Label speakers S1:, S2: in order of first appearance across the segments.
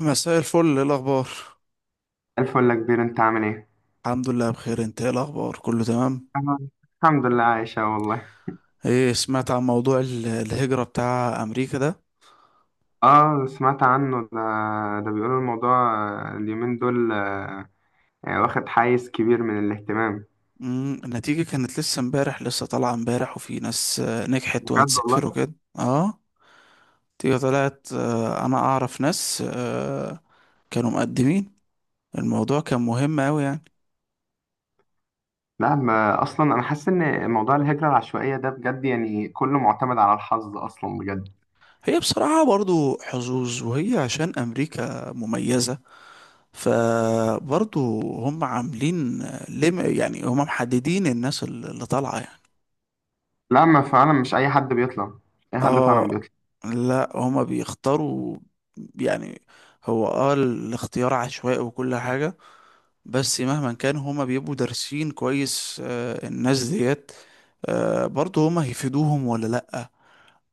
S1: مساء الفل، ايه الاخبار؟
S2: الفل يا كبير، انت عامل ايه؟
S1: الحمد لله بخير، انت ايه الاخبار؟ كله تمام؟
S2: أنا الحمد لله عايشة والله.
S1: ايه سمعت عن موضوع الهجرة بتاع امريكا ده؟
S2: اه سمعت عنه ده. ده بيقولوا الموضوع، اليومين دول يعني واخد حيز كبير من الاهتمام.
S1: النتيجة كانت لسه امبارح، لسه طالعة امبارح، وفي ناس نجحت
S2: بجد
S1: وهتسافر
S2: والله؟
S1: وكده. اه، النتيجة طلعت، انا اعرف ناس كانوا مقدمين. الموضوع كان مهم اوي يعني.
S2: لا ما اصلا انا حاسس ان موضوع الهجرة العشوائية ده بجد يعني كله معتمد على الحظ اصلا بجد.
S1: هي بصراحة برضو حظوظ، وهي عشان امريكا مميزة، فبرضه هم عاملين. لم يعني هم محددين الناس اللي طالعة يعني.
S2: لا ما فعلا مش اي حد بيطلع، اي حد فعلا
S1: اه،
S2: بيطلع.
S1: لا هم بيختاروا يعني. هو الاختيار عشوائي وكل حاجة. بس مهما كان هما بيبقوا دارسين كويس، الناس ديت. برضه هما هيفيدوهم ولا لأ؟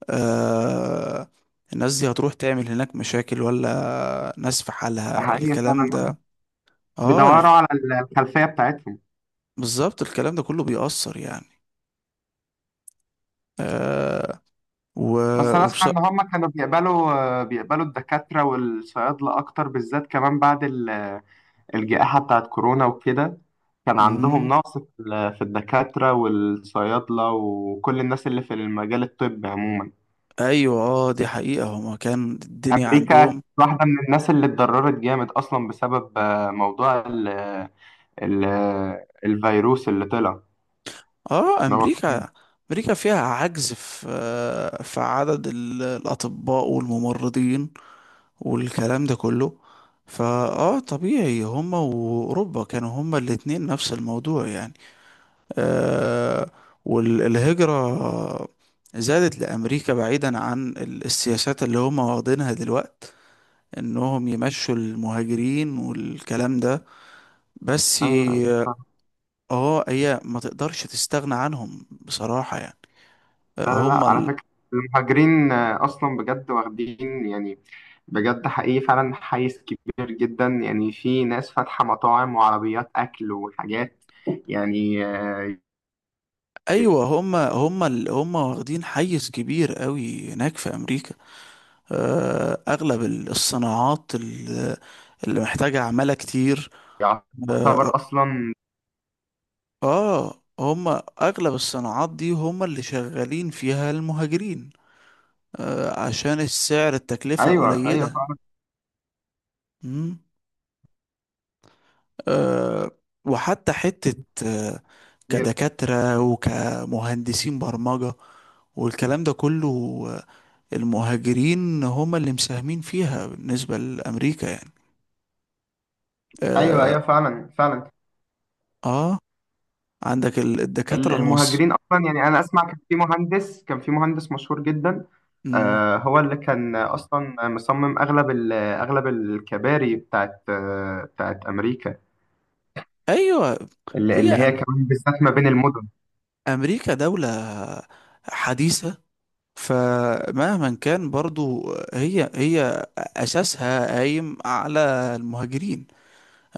S1: آه، الناس دي هتروح تعمل هناك مشاكل ولا ناس في
S2: ده
S1: حالها؟
S2: حقيقي
S1: الكلام
S2: فعلا،
S1: ده. اه،
S2: بيدوروا على الخلفية بتاعتهم.
S1: بالظبط الكلام ده كله بيأثر يعني. آه و
S2: بس انا اسمع
S1: وبص.
S2: ان هم كانوا بيقبلوا، بيقبلوا الدكاترة والصيادلة اكتر بالذات، كمان بعد الجائحة بتاعت كورونا وكده. كان عندهم
S1: مم.
S2: نقص في الدكاترة والصيادلة وكل الناس اللي في المجال الطبي عموما.
S1: ايوه، اه، دي حقيقة. هما كان الدنيا
S2: أمريكا كانت
S1: عندهم.
S2: واحدة من الناس اللي اتضررت جامد أصلا بسبب موضوع ال الفيروس اللي طلع،
S1: اه،
S2: اللي هو كورونا.
S1: امريكا فيها عجز في عدد الاطباء والممرضين والكلام ده كله. فاه طبيعي، هما واوروبا كانوا هما الاتنين نفس الموضوع يعني. آه والهجرة زادت لامريكا، بعيدا عن السياسات اللي هما واخدينها دلوقتي، انهم يمشوا المهاجرين والكلام ده. بس
S2: أيوه أيوه،
S1: ي-
S2: صح.
S1: اه، هي ما تقدرش تستغنى عنهم بصراحة يعني.
S2: لا لا
S1: هم
S2: لا، على
S1: ال...
S2: فكرة المهاجرين أصلا بجد واخدين يعني بجد حقيقي فعلا حيز كبير جدا. يعني في ناس فاتحة مطاعم وعربيات أكل وحاجات يعني.
S1: ايوه، هم واخدين حيز كبير قوي هناك في امريكا. اغلب الصناعات اللي محتاجة عمالة كتير. اه
S2: يعتبر اصلا.
S1: هم اغلب الصناعات دي هم اللي شغالين فيها المهاجرين. عشان السعر، التكلفة
S2: ايوه ايوه
S1: قليلة.
S2: فعلا.
S1: مم. آه، وحتى حتة، آه،
S2: كتير.
S1: كدكاترة وكمهندسين برمجة والكلام ده كله، آه، المهاجرين هم اللي مساهمين فيها بالنسبة لأمريكا يعني.
S2: ايوه
S1: آه,
S2: ايوه فعلا فعلا.
S1: آه عندك الدكاترة المصر.
S2: المهاجرين اصلا، يعني انا اسمع كان في مهندس مشهور جدا،
S1: مم.
S2: هو اللي كان اصلا مصمم اغلب اغلب الكباري بتاعت امريكا،
S1: أيوة.
S2: اللي
S1: هي
S2: اللي هي
S1: أم-
S2: كمان بالذات ما بين المدن.
S1: أمريكا دولة حديثة، فمهما كان برضو هي أساسها قايم على المهاجرين.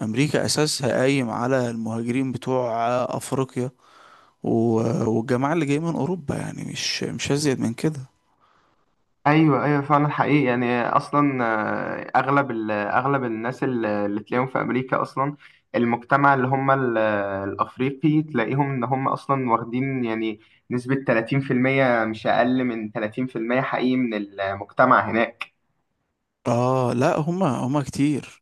S1: امريكا اساسها قايم على المهاجرين بتوع افريقيا والجماعه اللي جايه من اوروبا يعني، مش هزيد من كده.
S2: ايوه ايوه فعلا حقيقي. يعني اصلا اغلب اغلب الناس اللي تلاقيهم في امريكا اصلا، المجتمع اللي هم الافريقي، تلاقيهم ان هم اصلا واخدين يعني نسبة 30%، مش اقل من 30% حقيقي من المجتمع هناك.
S1: اه، لا هما كتير.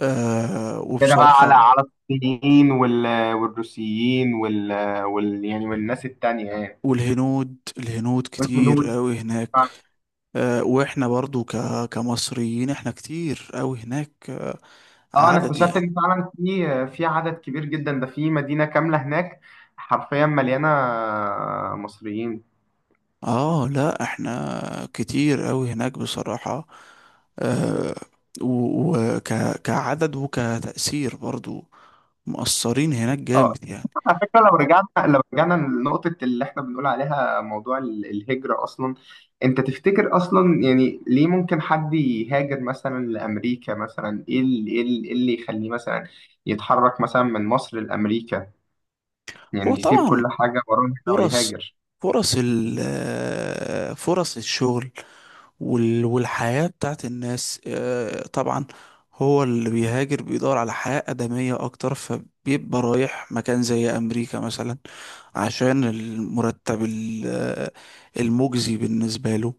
S2: كده بقى على
S1: وبصراحه.
S2: الصينيين والروسيين يعني والناس التانية يعني.
S1: والهنود كتير
S2: والهنود.
S1: قوي هناك. واحنا برضو كمصريين احنا كتير قوي هناك.
S2: اه، انا
S1: عدد
S2: اكتشفت
S1: يعني.
S2: ان فعلا في عدد كبير جدا، ده في مدينه كامله هناك حرفيا مليانه مصريين.
S1: اه، لا احنا كتير قوي هناك بصراحه. آه وكعدد وكتأثير برضو مقصرين هناك
S2: اه،
S1: جامد يعني.
S2: على فكره، لو رجعنا لنقطه اللي احنا بنقول عليها، موضوع الهجره اصلا، انت تفتكر اصلا يعني ليه ممكن حد يهاجر مثلا لامريكا مثلا؟ ايه اللي ايه اللي إيه اللي يخليه مثلا يتحرك مثلا من مصر لامريكا،
S1: هو
S2: يعني يسيب
S1: طبعا
S2: كل حاجه وراه هنا
S1: فرص
S2: ويهاجر؟
S1: فرص الشغل والحياة بتاعت الناس، طبعا. هو اللي بيهاجر بيدور على حياة آدمية أكتر، فبيبقى رايح مكان زي أمريكا مثلا عشان المرتب المجزي بالنسبة له،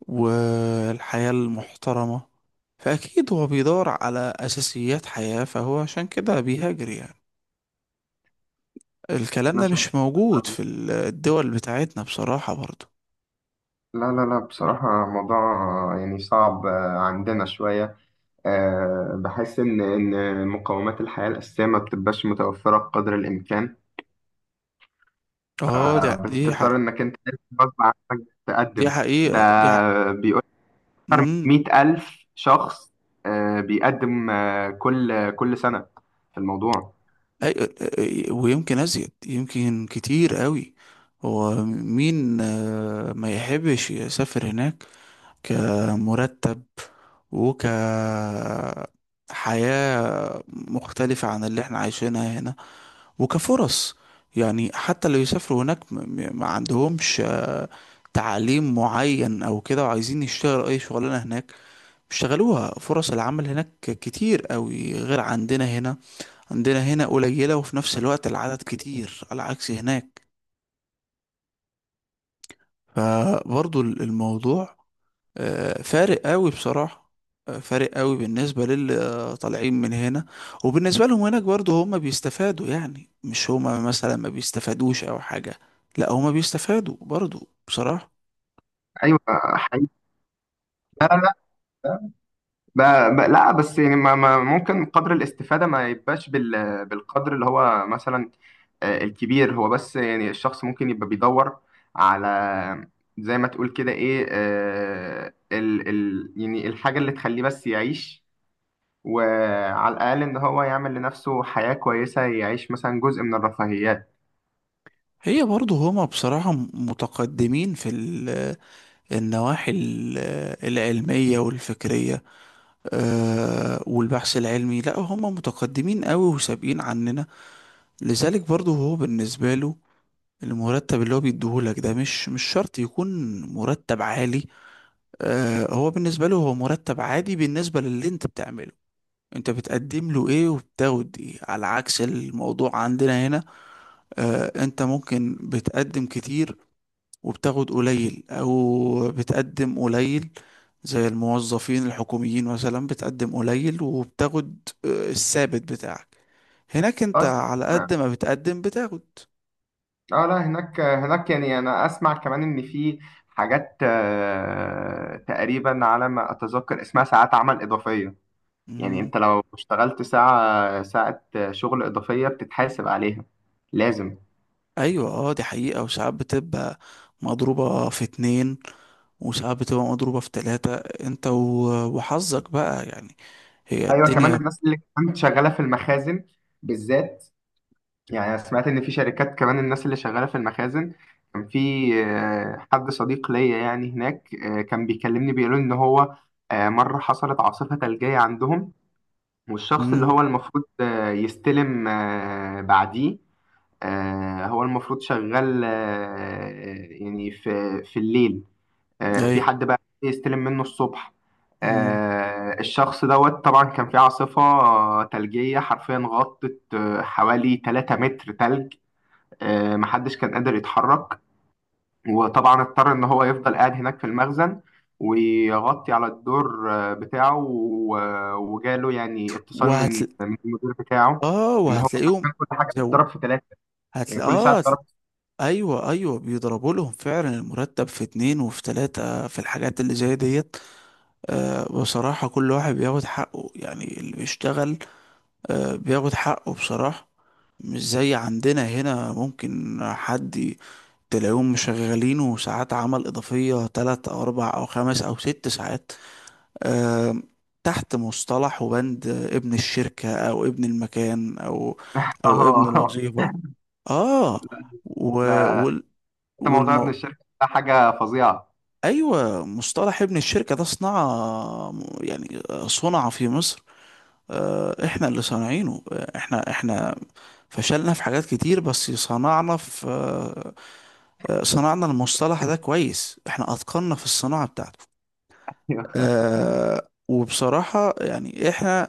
S1: والحياة المحترمة. فأكيد هو بيدور على أساسيات حياة، فهو عشان كده بيهاجر يعني. الكلام
S2: انا
S1: ده
S2: شايف.
S1: مش موجود في الدول بتاعتنا بصراحة برضو.
S2: لا لا لا، بصراحة موضوع يعني صعب عندنا شوية. بحس إن مقومات الحياة الأساسية ما بتبقاش متوفرة بقدر الإمكان.
S1: اه، دي
S2: بتضطر
S1: حق،
S2: إنك أنت غصب عنك
S1: دي
S2: تقدم. ده
S1: حقيقة دي حق.
S2: بيقول أكتر
S1: مم.
S2: من 100,000 ألف شخص بيقدم كل سنة في الموضوع.
S1: أي... ويمكن أزيد، يمكن كتير قوي. هو مين ما يحبش يسافر هناك؟ كمرتب وكحياة مختلفة عن اللي احنا عايشينها هنا، وكفرص. يعني حتى اللي يسافروا هناك ما عندهمش تعليم معين او كده، وعايزين يشتغلوا اي شغلانة هناك، بيشتغلوها. فرص العمل هناك كتير قوي غير عندنا هنا. عندنا هنا قليلة وفي نفس الوقت العدد كتير على عكس هناك. فبرضو الموضوع فارق قوي بصراحة، فارق قوي بالنسبة للي طالعين من هنا. وبالنسبة لهم هناك برضو هم بيستفادوا يعني، مش هما مثلا ما بيستفادوش أو حاجة. لا هما بيستفادوا برضو بصراحة.
S2: أيوة، حقيقي. لا، لا. ب... لا، بس يعني ما ممكن قدر الاستفادة ما يبقاش بالقدر اللي هو مثلا الكبير. هو بس يعني الشخص ممكن يبقى بيدور على، زي ما تقول كده، ايه آه، ال ال يعني الحاجة اللي تخليه بس يعيش، وعلى الأقل إن هو يعمل لنفسه حياة كويسة، يعيش مثلا جزء من الرفاهيات.
S1: هي برضو هما بصراحة متقدمين في النواحي العلمية والفكرية، والبحث العلمي. لا هما متقدمين قوي وسابقين عننا. لذلك برضو هو بالنسبة له، المرتب اللي هو بيديهولك ده مش شرط يكون مرتب عالي. هو بالنسبة له هو مرتب عادي بالنسبة للي انت بتعمله. انت بتقدم له ايه وبتاخد ايه؟ على عكس الموضوع عندنا هنا. انت ممكن بتقدم كتير وبتاخد قليل، او بتقدم قليل زي الموظفين الحكوميين مثلا، بتقدم قليل وبتاخد الثابت بتاعك. هناك انت
S2: أصلا.
S1: على
S2: اه.
S1: قد ما بتقدم بتاخد.
S2: لا، هناك يعني أنا أسمع كمان إن في حاجات تقريبا على ما أتذكر اسمها ساعات عمل إضافية. يعني انت لو اشتغلت ساعة ساعة شغل إضافية بتتحاسب عليها لازم.
S1: ايوه، اه، دي حقيقة. وساعات بتبقى مضروبة في اتنين، وساعات بتبقى مضروبة في تلاتة، انت وحظك بقى يعني. هي
S2: أيوة، كمان
S1: الدنيا.
S2: الناس اللي كانت شغالة في المخازن بالذات، يعني أنا سمعت إن في شركات كمان الناس اللي شغالة في المخازن، كان في حد صديق ليا يعني هناك، كان بيكلمني بيقول إن هو مرة حصلت عاصفة ثلجية عندهم، والشخص اللي
S1: امم
S2: هو المفروض يستلم بعديه، هو المفروض شغال يعني في الليل، في
S1: ايوه.
S2: حد بقى يستلم منه الصبح.
S1: امم
S2: الشخص دوت طبعا كان في عاصفة ثلجية حرفيا غطت حوالي 3 متر ثلج. محدش كان قادر يتحرك، وطبعا اضطر ان هو يفضل قاعد هناك في المخزن، ويغطي على الدور بتاعه، وجاله يعني اتصال من
S1: وهتل
S2: من المدير بتاعه،
S1: اه،
S2: ان هو
S1: وهتلاقيهم.
S2: كان كل حاجة
S1: زو...
S2: بتتضرب في ثلاثة. يعني
S1: هتل...
S2: كل ساعة
S1: اه هتل...
S2: بتتضرب في-
S1: ايوه، ايوه، بيضربوا لهم فعلا المرتب في اتنين وفي تلاتة في الحاجات اللي زي ديت. بصراحة كل واحد بياخد حقه يعني، اللي بيشتغل بياخد حقه بصراحة. مش زي عندنا هنا، ممكن حد تلاقيهم شغالينه ساعات عمل إضافية 3 أو 4 أو 5 أو 6 ساعات، آم، تحت مصطلح وبند ابن الشركة، أو ابن المكان، أو أو ابن
S2: اه.
S1: الوظيفة. آه و
S2: لا،
S1: وال
S2: ده موضوع ابن
S1: والمو...
S2: الشركة ده حاجة فظيعة.
S1: أيوة، مصطلح ابن الشركة ده صنع، يعني صنع في مصر. إحنا اللي صانعينه، إحنا فشلنا في حاجات كتير، بس صنعنا في، صنعنا المصطلح ده كويس. احنا اتقنا في الصناعة بتاعته. وبصراحة يعني احنا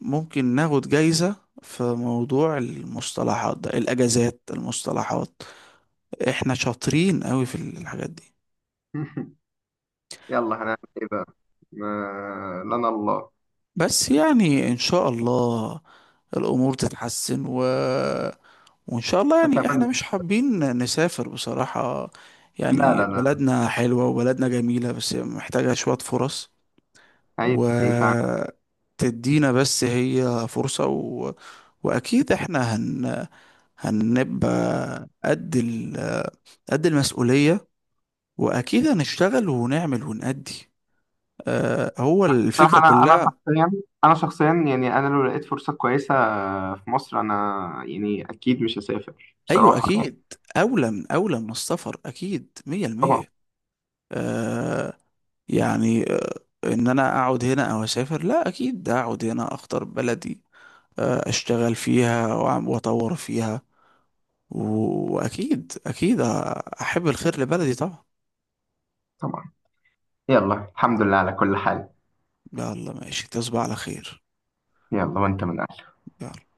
S1: ممكن ناخد جايزة في موضوع المصطلحات ده، الاجازات، المصطلحات، احنا شاطرين قوي في الحاجات دي.
S2: يلا هنعمل ايه بقى؟ ما... لنا الله.
S1: بس يعني ان شاء الله الامور تتحسن وان شاء الله.
S2: انت
S1: يعني احنا
S2: عملت.
S1: مش حابين نسافر بصراحة،
S2: لا
S1: يعني
S2: لا لا،
S1: بلدنا حلوة وبلدنا جميلة، بس محتاجة شوية فرص.
S2: عيب عيب فعلا.
S1: وتدينا بس هي فرصة، واكيد احنا هنبقى قد ال... قد المسؤولية، واكيد هنشتغل ونعمل ونأدي. أه، هو
S2: بصراحة
S1: الفكرة
S2: انا انا
S1: كلها.
S2: شخصيا انا شخصيا يعني انا لو لقيت فرصة كويسة في مصر، انا يعني اكيد مش هسافر
S1: ايوه
S2: بصراحة يعني.
S1: اكيد، اولى من السفر اكيد
S2: طبعا.
S1: 100%. آه يعني آه ان انا اقعد هنا او اسافر؟ لا اكيد اقعد هنا، اختار بلدي، اشتغل فيها واطور فيها، واكيد اكيد، احب الخير لبلدي طبعا.
S2: طبعا. يلا الحمد لله على كل حال.
S1: يلا، ماشي، تصبح على خير.
S2: يلا وانت من
S1: يلا.